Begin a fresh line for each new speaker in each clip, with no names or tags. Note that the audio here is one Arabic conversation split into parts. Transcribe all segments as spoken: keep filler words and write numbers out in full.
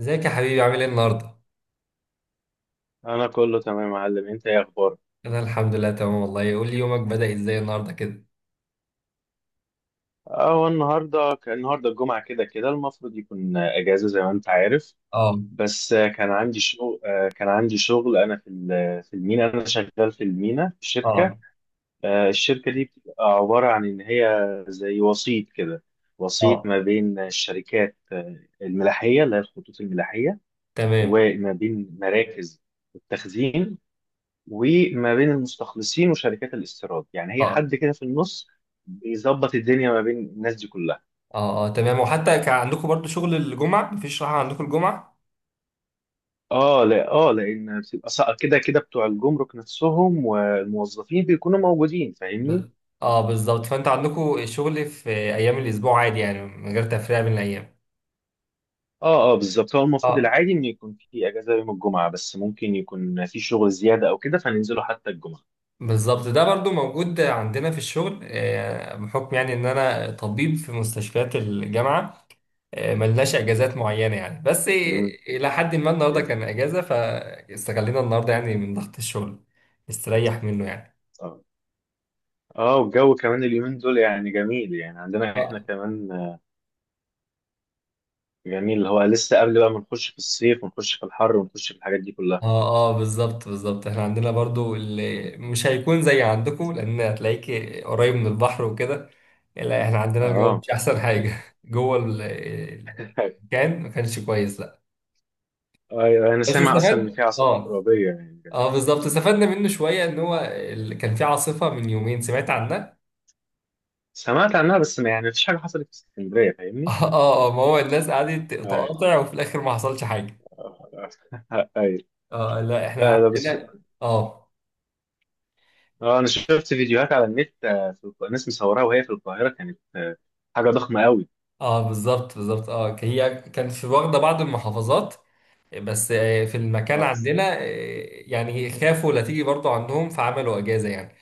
ازيك يا حبيبي، عامل ايه النهارده؟
انا كله تمام يا معلم، انت ايه اخبارك؟
انا الحمد لله تمام والله. قول لي، يومك بدأ ازاي النهارده كده؟
اه، النهارده كان النهارده الجمعه كده كده المفروض يكون اجازه زي ما انت عارف.
اه،
بس آه، كان عندي شغل. آه، كان عندي شغل انا في ال- في المينا، انا شغال في المينا في شركه.
اه،
آه، الشركه دي بتبقى عباره عن ان هي زي وسيط كده، وسيط
اه،
ما بين الشركات، آه، الملاحيه اللي هي الخطوط الملاحيه،
تمام.
وما بين مراكز التخزين، وما بين المستخلصين وشركات الاستيراد. يعني هي
اه،
حد كده في النص بيظبط الدنيا ما بين الناس دي كلها.
اه، اه، تمام. وحتى كان عندكم برضو شغل الجمعة؟ مفيش راحة عندكم الجمعة؟
اه، لا اه، لان بتبقى سا- كده كده بتوع الجمرك نفسهم والموظفين بيكونوا موجودين، فاهمني.
ب... اه، بالظبط. فانت عندكم الشغل في ايام الاسبوع عادي، يعني من غير تفرقة بين الايام.
اه اه، بالظبط. هو المفروض
اه،
العادي ان يكون في اجازه يوم الجمعه، بس ممكن يكون في شغل زياده او كده فننزله حتى الجمعه.
بالظبط، ده برضو موجود عندنا في الشغل، آه، بحكم يعني ان انا طبيب في مستشفيات الجامعة. ملناش اجازات معينه يعني، بس
امم.
الى حد ما النهارده
جامد.
كان اجازه، فاستغلينا النهارده يعني من ضغط الشغل نستريح منه يعني.
اه اه، والجو كمان اليومين دول يعني جميل، يعني عندنا احنا
اه،
كمان جميل، اللي هو لسه قبل بقى ما نخش في الصيف ونخش في الحر ونخش في الحاجات دي كلها.
اه، آه، بالظبط بالظبط، احنا عندنا برضو اللي مش هيكون زي عندكم، لان هتلاقيك قريب من البحر وكده. لا، احنا عندنا الجو
اه،
مش احسن حاجه جوه ال- كان ما كانش كويس، لا.
أيوة، انا
بس
سامع اصلا ان في
استفاد،
عاصفه
اه.
ترابيه يعني.
اه، بالظبط، استفدنا منه شويه، ان هو ال- كان في عاصفه من يومين سمعت عنها.
سمعت عنها بس ما- يعني مفيش حاجه حصلت في اسكندريه، فاهمني.
اه، اه، ما هو الناس قعدت
ايوه،
تقاطع، وفي الاخر ما حصلش حاجه.
ايوه.
اه، لا،
لا
احنا
لا، بس
عندنا. اه،
اه، انا شفت فيديوهات على النت. آه، في الق- ناس مصوراها وهي في القاهره، كانت آه، حاجه ضخمه قوي.
اه، بالظبط بالظبط، اه، هي كانت في واخده بعض المحافظات، بس آه، في المكان
اه.
عندنا، آه، يعني خافوا لا تيجي برضو عندهم، فعملوا اجازه يعني.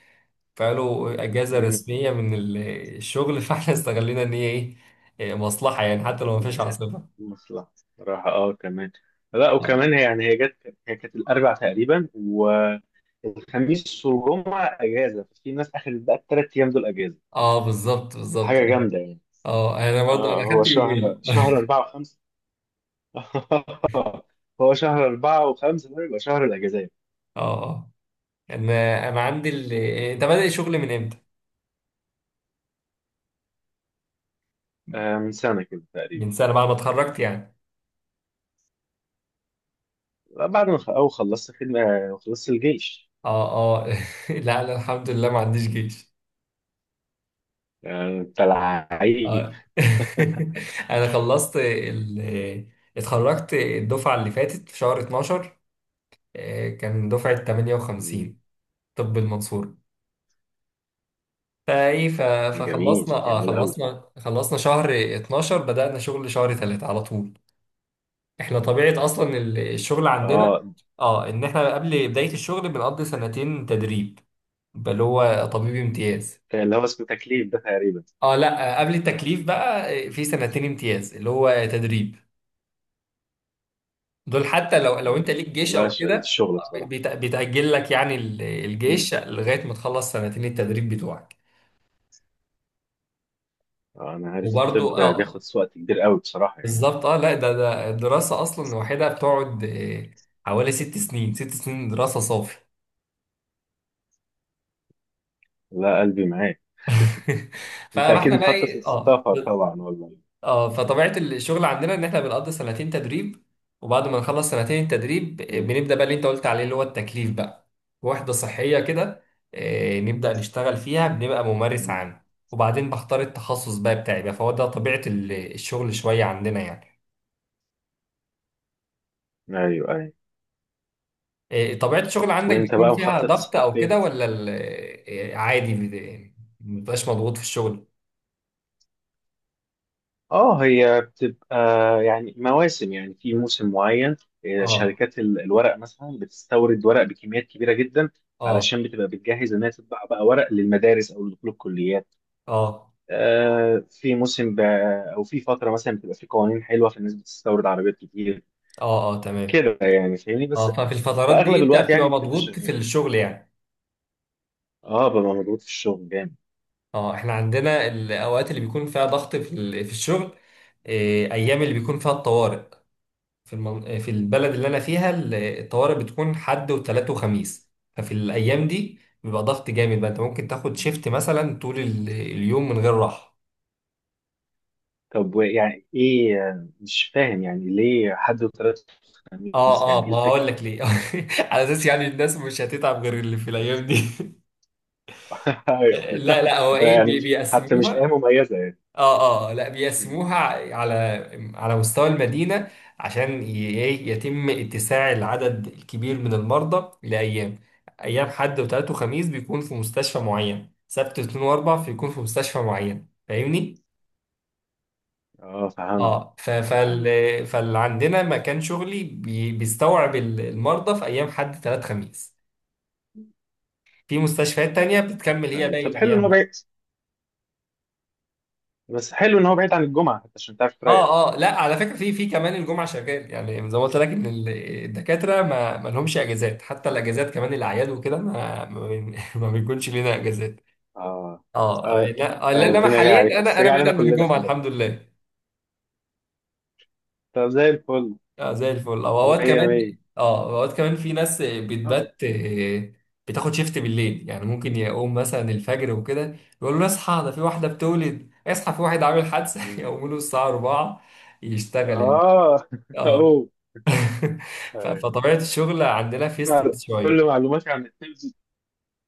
فعملوا اجازه
امم.
رسميه من ال- الشغل فاحنا استغلينا ان هي ايه، آه، مصلحه يعني، حتى لو ما فيش عاصفه.
مصلحه صراحه، اه كمان. لا
اه،
وكمان هي يعني، هي جت، هي كانت الاربع تقريبا والخميس والجمعه اجازه، ففي ناس اخذت بقى الثلاث ايام دول اجازه.
آه، بالظبط بالظبط، اه.
حاجه جامده يعني.
آه، انا برضو
آه،
انا
هو
خدت
شهر
يومين.
شهر أربعة وخمسة. هو شهر أربعة وخمسة ده يبقى شهر الأجازات.
اه، آه. انا انا عندي ال... ده بدأ شغل من امتى؟
آه، من سنة كده تقريبا.
من سنه، بعد ما اتخرجت يعني.
بعد ما خ- أو خلصت خدمة وخلصت الجيش.
اه، اه. لا لا، الحمد لله، ما عنديش جيش.
آه، بتاع العيد.
اه انا خلصت ال... اتخرجت الدفعه اللي فاتت في شهر اتناشر، آه، كان دفعه
مم.
ثمانية وخمسين. طب المنصوره؟ فايه ف...
جميل
فخلصنا، اه،
جميل أوي.
خلصنا خلصنا شهر اتناشر، بدأنا شغل شهر ثلاثة على طول. احنا طبيعه اصلا ال- الشغل عندنا،
اه،
اه، ان احنا قبل بدايه الشغل بنقضي سنتين تدريب، بل هو طبيب امتياز.
اللي هو اسمه تكليف ده تقريبا.
اه، لا، آه، قبل التكليف بقى، آه، في سنتين امتياز اللي هو تدريب. دول حتى لو لو انت
مم.
ليك جيش
لا،
او
ش-
كده،
الشغل
آه،
بصراحة.
بيت- بيتأجل لك يعني ال-
مم.
الجيش لغاية ما تخلص سنتين التدريب بتوعك.
آه، أنا عارف الطب
وبرضو اه،
بياخد وقت كبير أوي بصراحة يعني.
بالظبط، اه، لا، ده ده الدراسة اصلا لوحدها بتقعد، آه، حوالي ست سنين، ست سنين دراسة صافي.
لا، قلبي معاك. أنت أكيد
فاحنا بقى
مخطط
ايه، اه،
للسفر طبعا، والله.
اه، فطبيعة الشغل عندنا ان احنا بنقضي سنتين تدريب، وبعد ما نخلص سنتين التدريب
مم.
بنبدأ بقى اللي انت قلت عليه، اللي هو التكليف بقى. وحدة صحية كده، آه، نبدأ نشتغل فيها، بنبقى ممارس
مم.
عام، وبعدين بختار التخصص بقى بتاعي بقى. فهو ده طبيعة ال- الشغل شوية عندنا يعني.
أيوه أيوه.
آه، طبيعة الشغل عندك
وأنت
بيكون
بقى
فيها
مخطط
ضغط
تسافر
او كده،
فين؟
ولا ال- آه، عادي؟ بت- مبتبقاش مضغوط في الشغل.
اه، هي بتبقى يعني مواسم، يعني في موسم معين. آه،
اه،
شركات ال- الورق مثلا بتستورد ورق بكميات كبيره جدا،
اه،
علشان بتبقى بتجهز انها تطبع بقى ورق للمدارس او لدخول الكليات.
اه،
آه، في موسم ب- او في فتره مثلا بتبقى في قوانين حلوه فالناس بتستورد عربيات كتير
اه، اه، تمام.
كده يعني، فاهمني. بس
اه، ففي
في
الفترات دي
اغلب
انت
الوقت
بتبقى
يعني بتبقى
مضغوط في
شغال.
الشغل يعني.
اه، ببقى مضغوط في الشغل جامد.
اه، احنا عندنا الاوقات اللي بيكون فيها ضغط في ال- في الشغل، إيه، ايام اللي بيكون فيها الطوارئ. في المن... آه، في البلد اللي انا فيها ال- الطوارئ بتكون حد وثلاث وخميس. ففي الايام دي بيبقى ضغط جامد بقى، انت ممكن تاخد شيفت مثلا طول ال- اليوم من غير راحه.
طب و- يعني ايه آه، مش فاهم يعني ليه حد وثلاث خميس،
اه، اه،
يعني ايه
ما هقول
الفكره؟
لك ليه. على اساس يعني الناس مش هتتعب غير اللي في الايام دي.
أيوة.
لا لا، هو ايه،
يعني
بي-
مش حتى مش ايه
بيقسموها،
مميزه يعني.
اه، اه، لا،
مم.
بيقسموها على على مستوى المدينة، عشان ي- ايه يتم اتساع العدد الكبير من المرضى لأيام. أيام حد وتلات وخميس بيكون في مستشفى معين، سبت واثنين وأربع بيكون في مستشفى معين، فاهمني؟
اه فهمت.
اه، ف- فال
فهمت.
فاللي عندنا مكان شغلي بي- بيستوعب ال- المرضى في أيام حد تلات خميس، في مستشفيات تانية بتكمل هي
أيوة.
باقي
طب حلو ان هو
الأيام.
بعيد، بس حلو ان هو بعيد عن الجمعه حتى عشان تعرف تريح.
اه، اه، لا، على فكره، في في كمان الجمعه شغال يعني، زي ما قلت لك ان ال- الدكاتره ما ما لهمش اجازات، حتى الاجازات كمان الاعياد وكده ما ما, بين- ما بيكونش لنا اجازات.
اه.
اه، آه،
آه،
لا، آه، لا،
آه،
انما
الدنيا جايه
حاليا
عليك بس
انا انا
جايه
بعيد
علينا
عن
كلنا،
الجمعه
خلي
الحمد
بالك.
لله.
طب زي الفل.
اه، زي الفل، او اوقات
مية
كمان،
مية.
اه، اوقات كمان في ناس
اه.
بتبات، آه، بتاخد شيفت بالليل يعني، ممكن يقوم مثلا الفجر وكده يقول له اصحى، ده في واحده بتولد، اصحى في واحد عامل حادثه.
مم.
يقوموا له الساعه اربعه يشتغل.
اه،
آه،
اوه.
ف-
أيوة.
فطبيعة الشغل عندنا في ستريس
كل
شوية.
معلوماتي عن التبس.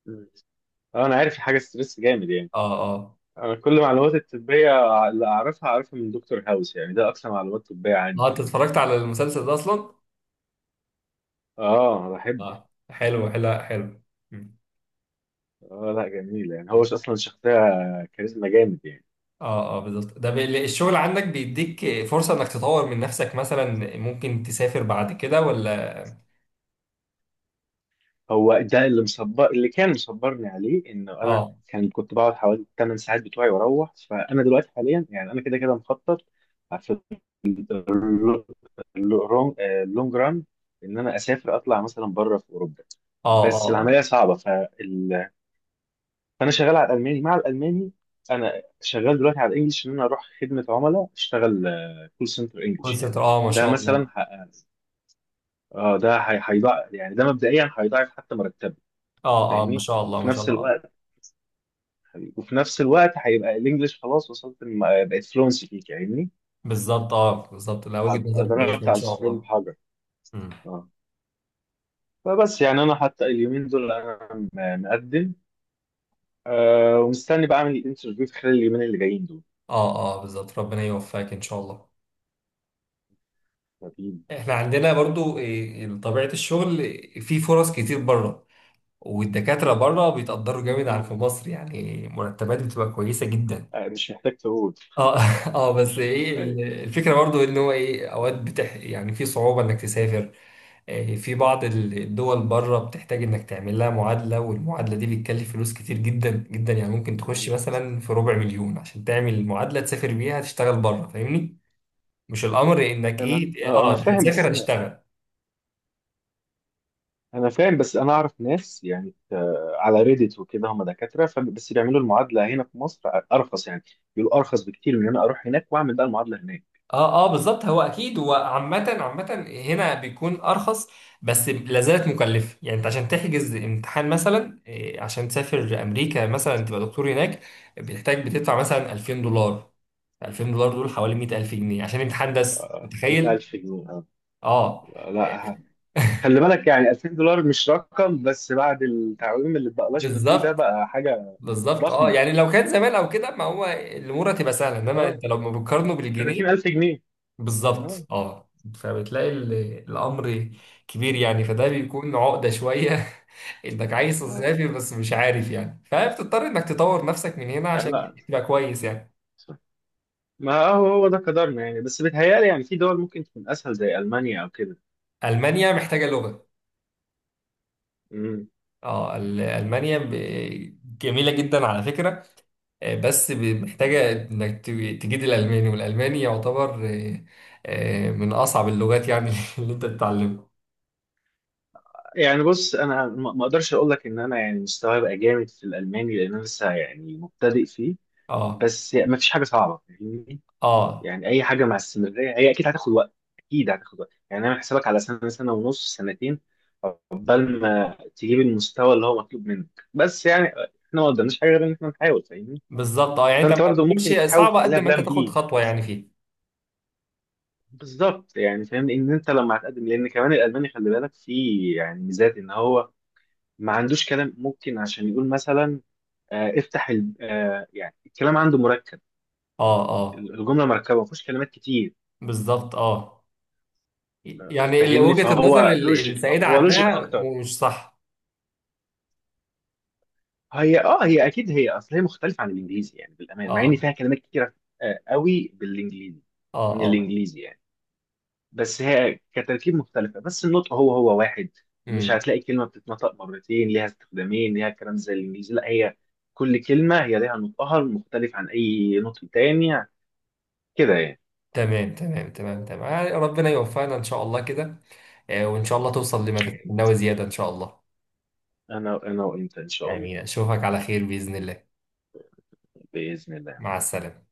مم. اه، انا عارف الحاجه ستريس جامد يعني.
اه، اه،
انا كل معلوماتي الطبيه اللي اعرفها اعرفها من دكتور هاوس يعني، ده اكثر معلومات طبيه عندي.
اه، انت اتفرجت على المسلسل ده اصلا؟
اه، بحب.
اه، حلو حلو حلو. مم.
اه لا، جميل يعني، هو اصلا شخصيه كاريزما جامد يعني.
اه، اه، بالظبط. ده بي- الشغل عندك بيديك فرصة انك تطور من نفسك، مثلا ممكن تسافر بعد كده، ولا؟
هو ده اللي مصبر، اللي كان مصبرني عليه، انه انا
اه،
كان كنت بقعد حوالي ثمان ساعات بتوعي واروح. فانا دلوقتي حاليا يعني انا كده كده مخطط في اللونج ران ان انا اسافر اطلع مثلا بره في اوروبا.
اه،
بس
اه، اه،
العمليه صعبه، فال... فانا شغال على الالماني مع الالماني. انا شغال دلوقتي على الانجليش، ان انا اروح خدمه عملاء اشتغل كول سنتر
كول
انجليش يعني.
سنتر، اه، ما
ده
شاء
مثلا
الله.
اه ده هي- هيضاعف يعني، ده مبدئيا هيضاعف حتى مرتبه،
اه، اه، ما
فاهمني.
شاء الله،
وفي
ما شاء
نفس
الله، آه.
الوقت وفي نفس الوقت هيبقى الانجليش خلاص وصلت الم- بقت فلونسي فيك، فاهمني.
بالظبط، اه، بالظبط، لا، وجهة
هبقى
نظر كويسة،
ضربت
ما
على
شاء
الصفر
الله.
بحجر.
مم.
اه. فبس يعني انا حتى اليومين دول انا م- مقدم، آه، ومستني بقى اعمل الانترفيو في خلال اليومين اللي جايين دول.
اه، اه، بالظبط، ربنا يوفقك ان شاء الله.
طيب.
احنا عندنا برضو إيه، طبيعة الشغل في فرص كتير بره، والدكاترة بره بيتقدروا جامد عن في
مم.
مصر يعني، مرتبات بتبقى كويسة جدا.
آه، مش محتاج تقول.
اه اه، بس ايه
ايوه.
ال- الفكرة برضو، ان هو ايه، اوقات بتح يعني في صعوبة انك تسافر. إيه، في بعض ال- الدول بره بتحتاج انك تعمل لها معادلة، والمعادلة دي بتكلف فلوس كتير جدا جدا، يعني ممكن تخش
انا
مثلا في ربع مليون عشان تعمل معادلة تسافر بيها تشتغل بره، فاهمني؟ مش الامر انك
انا
ايه،
اه انا
اه،
فاهم، بس
هتسافر هتشتغل.
انا فاهم بس انا اعرف ناس يعني، آه، على ريديت وكده هم دكاتره، ف- بس بيعملوا المعادله هنا في مصر ارخص يعني. بيقولوا ارخص بكتير من ان انا اروح هناك واعمل بقى المعادله هناك.
اه، اه، بالظبط، هو اكيد، هو عامة عامة هنا بيكون ارخص، بس لا زالت مكلفة. يعني انت عشان تحجز امتحان مثلا، إيه، عشان تسافر امريكا مثلا تبقى دكتور هناك، بتحتاج بتدفع مثلا 2000
مم.
دولار الفين دولار دول حوالي مية الف جنيه عشان امتحان بس،
آه،
متخيل؟
الف جنيه.
اه
آه، لا ه- خلي بالك يعني الفين دولار مش رقم، بس بعد التعويم اللي اتبقلاش ما فيه ده
بالظبط
بقى حاجه
بالظبط، اه،
ضخمه.
يعني لو كان زمان او كده ما هو الامور هتبقى سهله، انما
اه،
انت لو ما بتقارنه بالجنيه،
ثلاثين الف جنيه.
بالظبط،
اه
اه، فبتلاقي ال- الامر كبير
يعني.
يعني، فده
مم.
بيكون عقده شويه. انك عايز
آه.
تسافر بس مش عارف يعني، فبتضطر انك تطور نفسك من هنا
آه،
عشان
لا،
تبقى كويس يعني.
ما هو هو ده قدرنا يعني، بس بيتهيألي يعني في دول ممكن تكون اسهل زي المانيا او كده.
المانيا محتاجه لغه.
مم.
اه، ال- المانيا ب- جميله جدا على فكره، آه، بس ب- محتاجه انك ت- تجيد الالماني، والالماني يعتبر، آه، آه، من اصعب اللغات يعني اللي انت تتعلمها.
يعني بص، انا ما ما اقدرش اقول لك ان انا يعني مستواي بقى جامد في الالماني، لان انا لسه يعني مبتدئ فيه.
اه،
بس يعني ما فيش حاجه صعبه، فاهمني.
اه،
يعني اي حاجه مع استمراريه هي اكيد هتاخد وقت. اكيد هتاخد وقت يعني، انا حسابك على سنه سنه ونص سنتين عقبال ما تجيب المستوى اللي هو مطلوب منك، بس يعني احنا ما قدامناش حاجه غير ان احنا نحاول، فاهمني.
بالظبط، اه، يعني انت ما
فانت
ما
برضه ممكن
تمشي
تحاول
صعبه
تخليها
قد ما انت
بلان
تاخد
بي.
خطوه يعني فيها.
بالظبط يعني، فاهم ان انت لما هتقدم، لان كمان الالماني خلي بالك فيه يعني ميزات ان هو ما عندوش كلام ممكن عشان يقول مثلا، آه، افتح ال... آه، يعني الكلام عنده مركب،
اه، اه،
الجمله مركبه ما فيهوش كلمات كتير.
بالظبط، اه،
آه،
يعني اللي
فاهمني،
وجهة النظر
فهو
ال-
لوجيك،
السائدة
هو لوجيك
عنها
اكتر.
م- مش صح.
هي اه هي اكيد، هي اصل هي مختلفه عن الانجليزي يعني بالامان، مع ان
اه،
فيها كلمات كتيره آه، قوي بالانجليزي،
اه،
من
اه،
الانجليزي يعني. بس هي كتركيب مختلفه، بس النطق هو هو واحد. مش
امم،
هتلاقي كلمه بتتنطق مرتين ليها استخدامين ليها كلام زي الانجليزي، لا هي كل كلمه هي ليها نطقها المختلف عن اي نطق تاني كده يعني.
تمام تمام تمام تمام، آه، ربنا يوفقنا ان شاء الله كده، آه، وان شاء الله توصل لما تتمناه زيادة ان شاء الله.
انا انا وانت ان شاء الله.
امين، اشوفك على خير بإذن الله.
باذن الله
مع السلامة.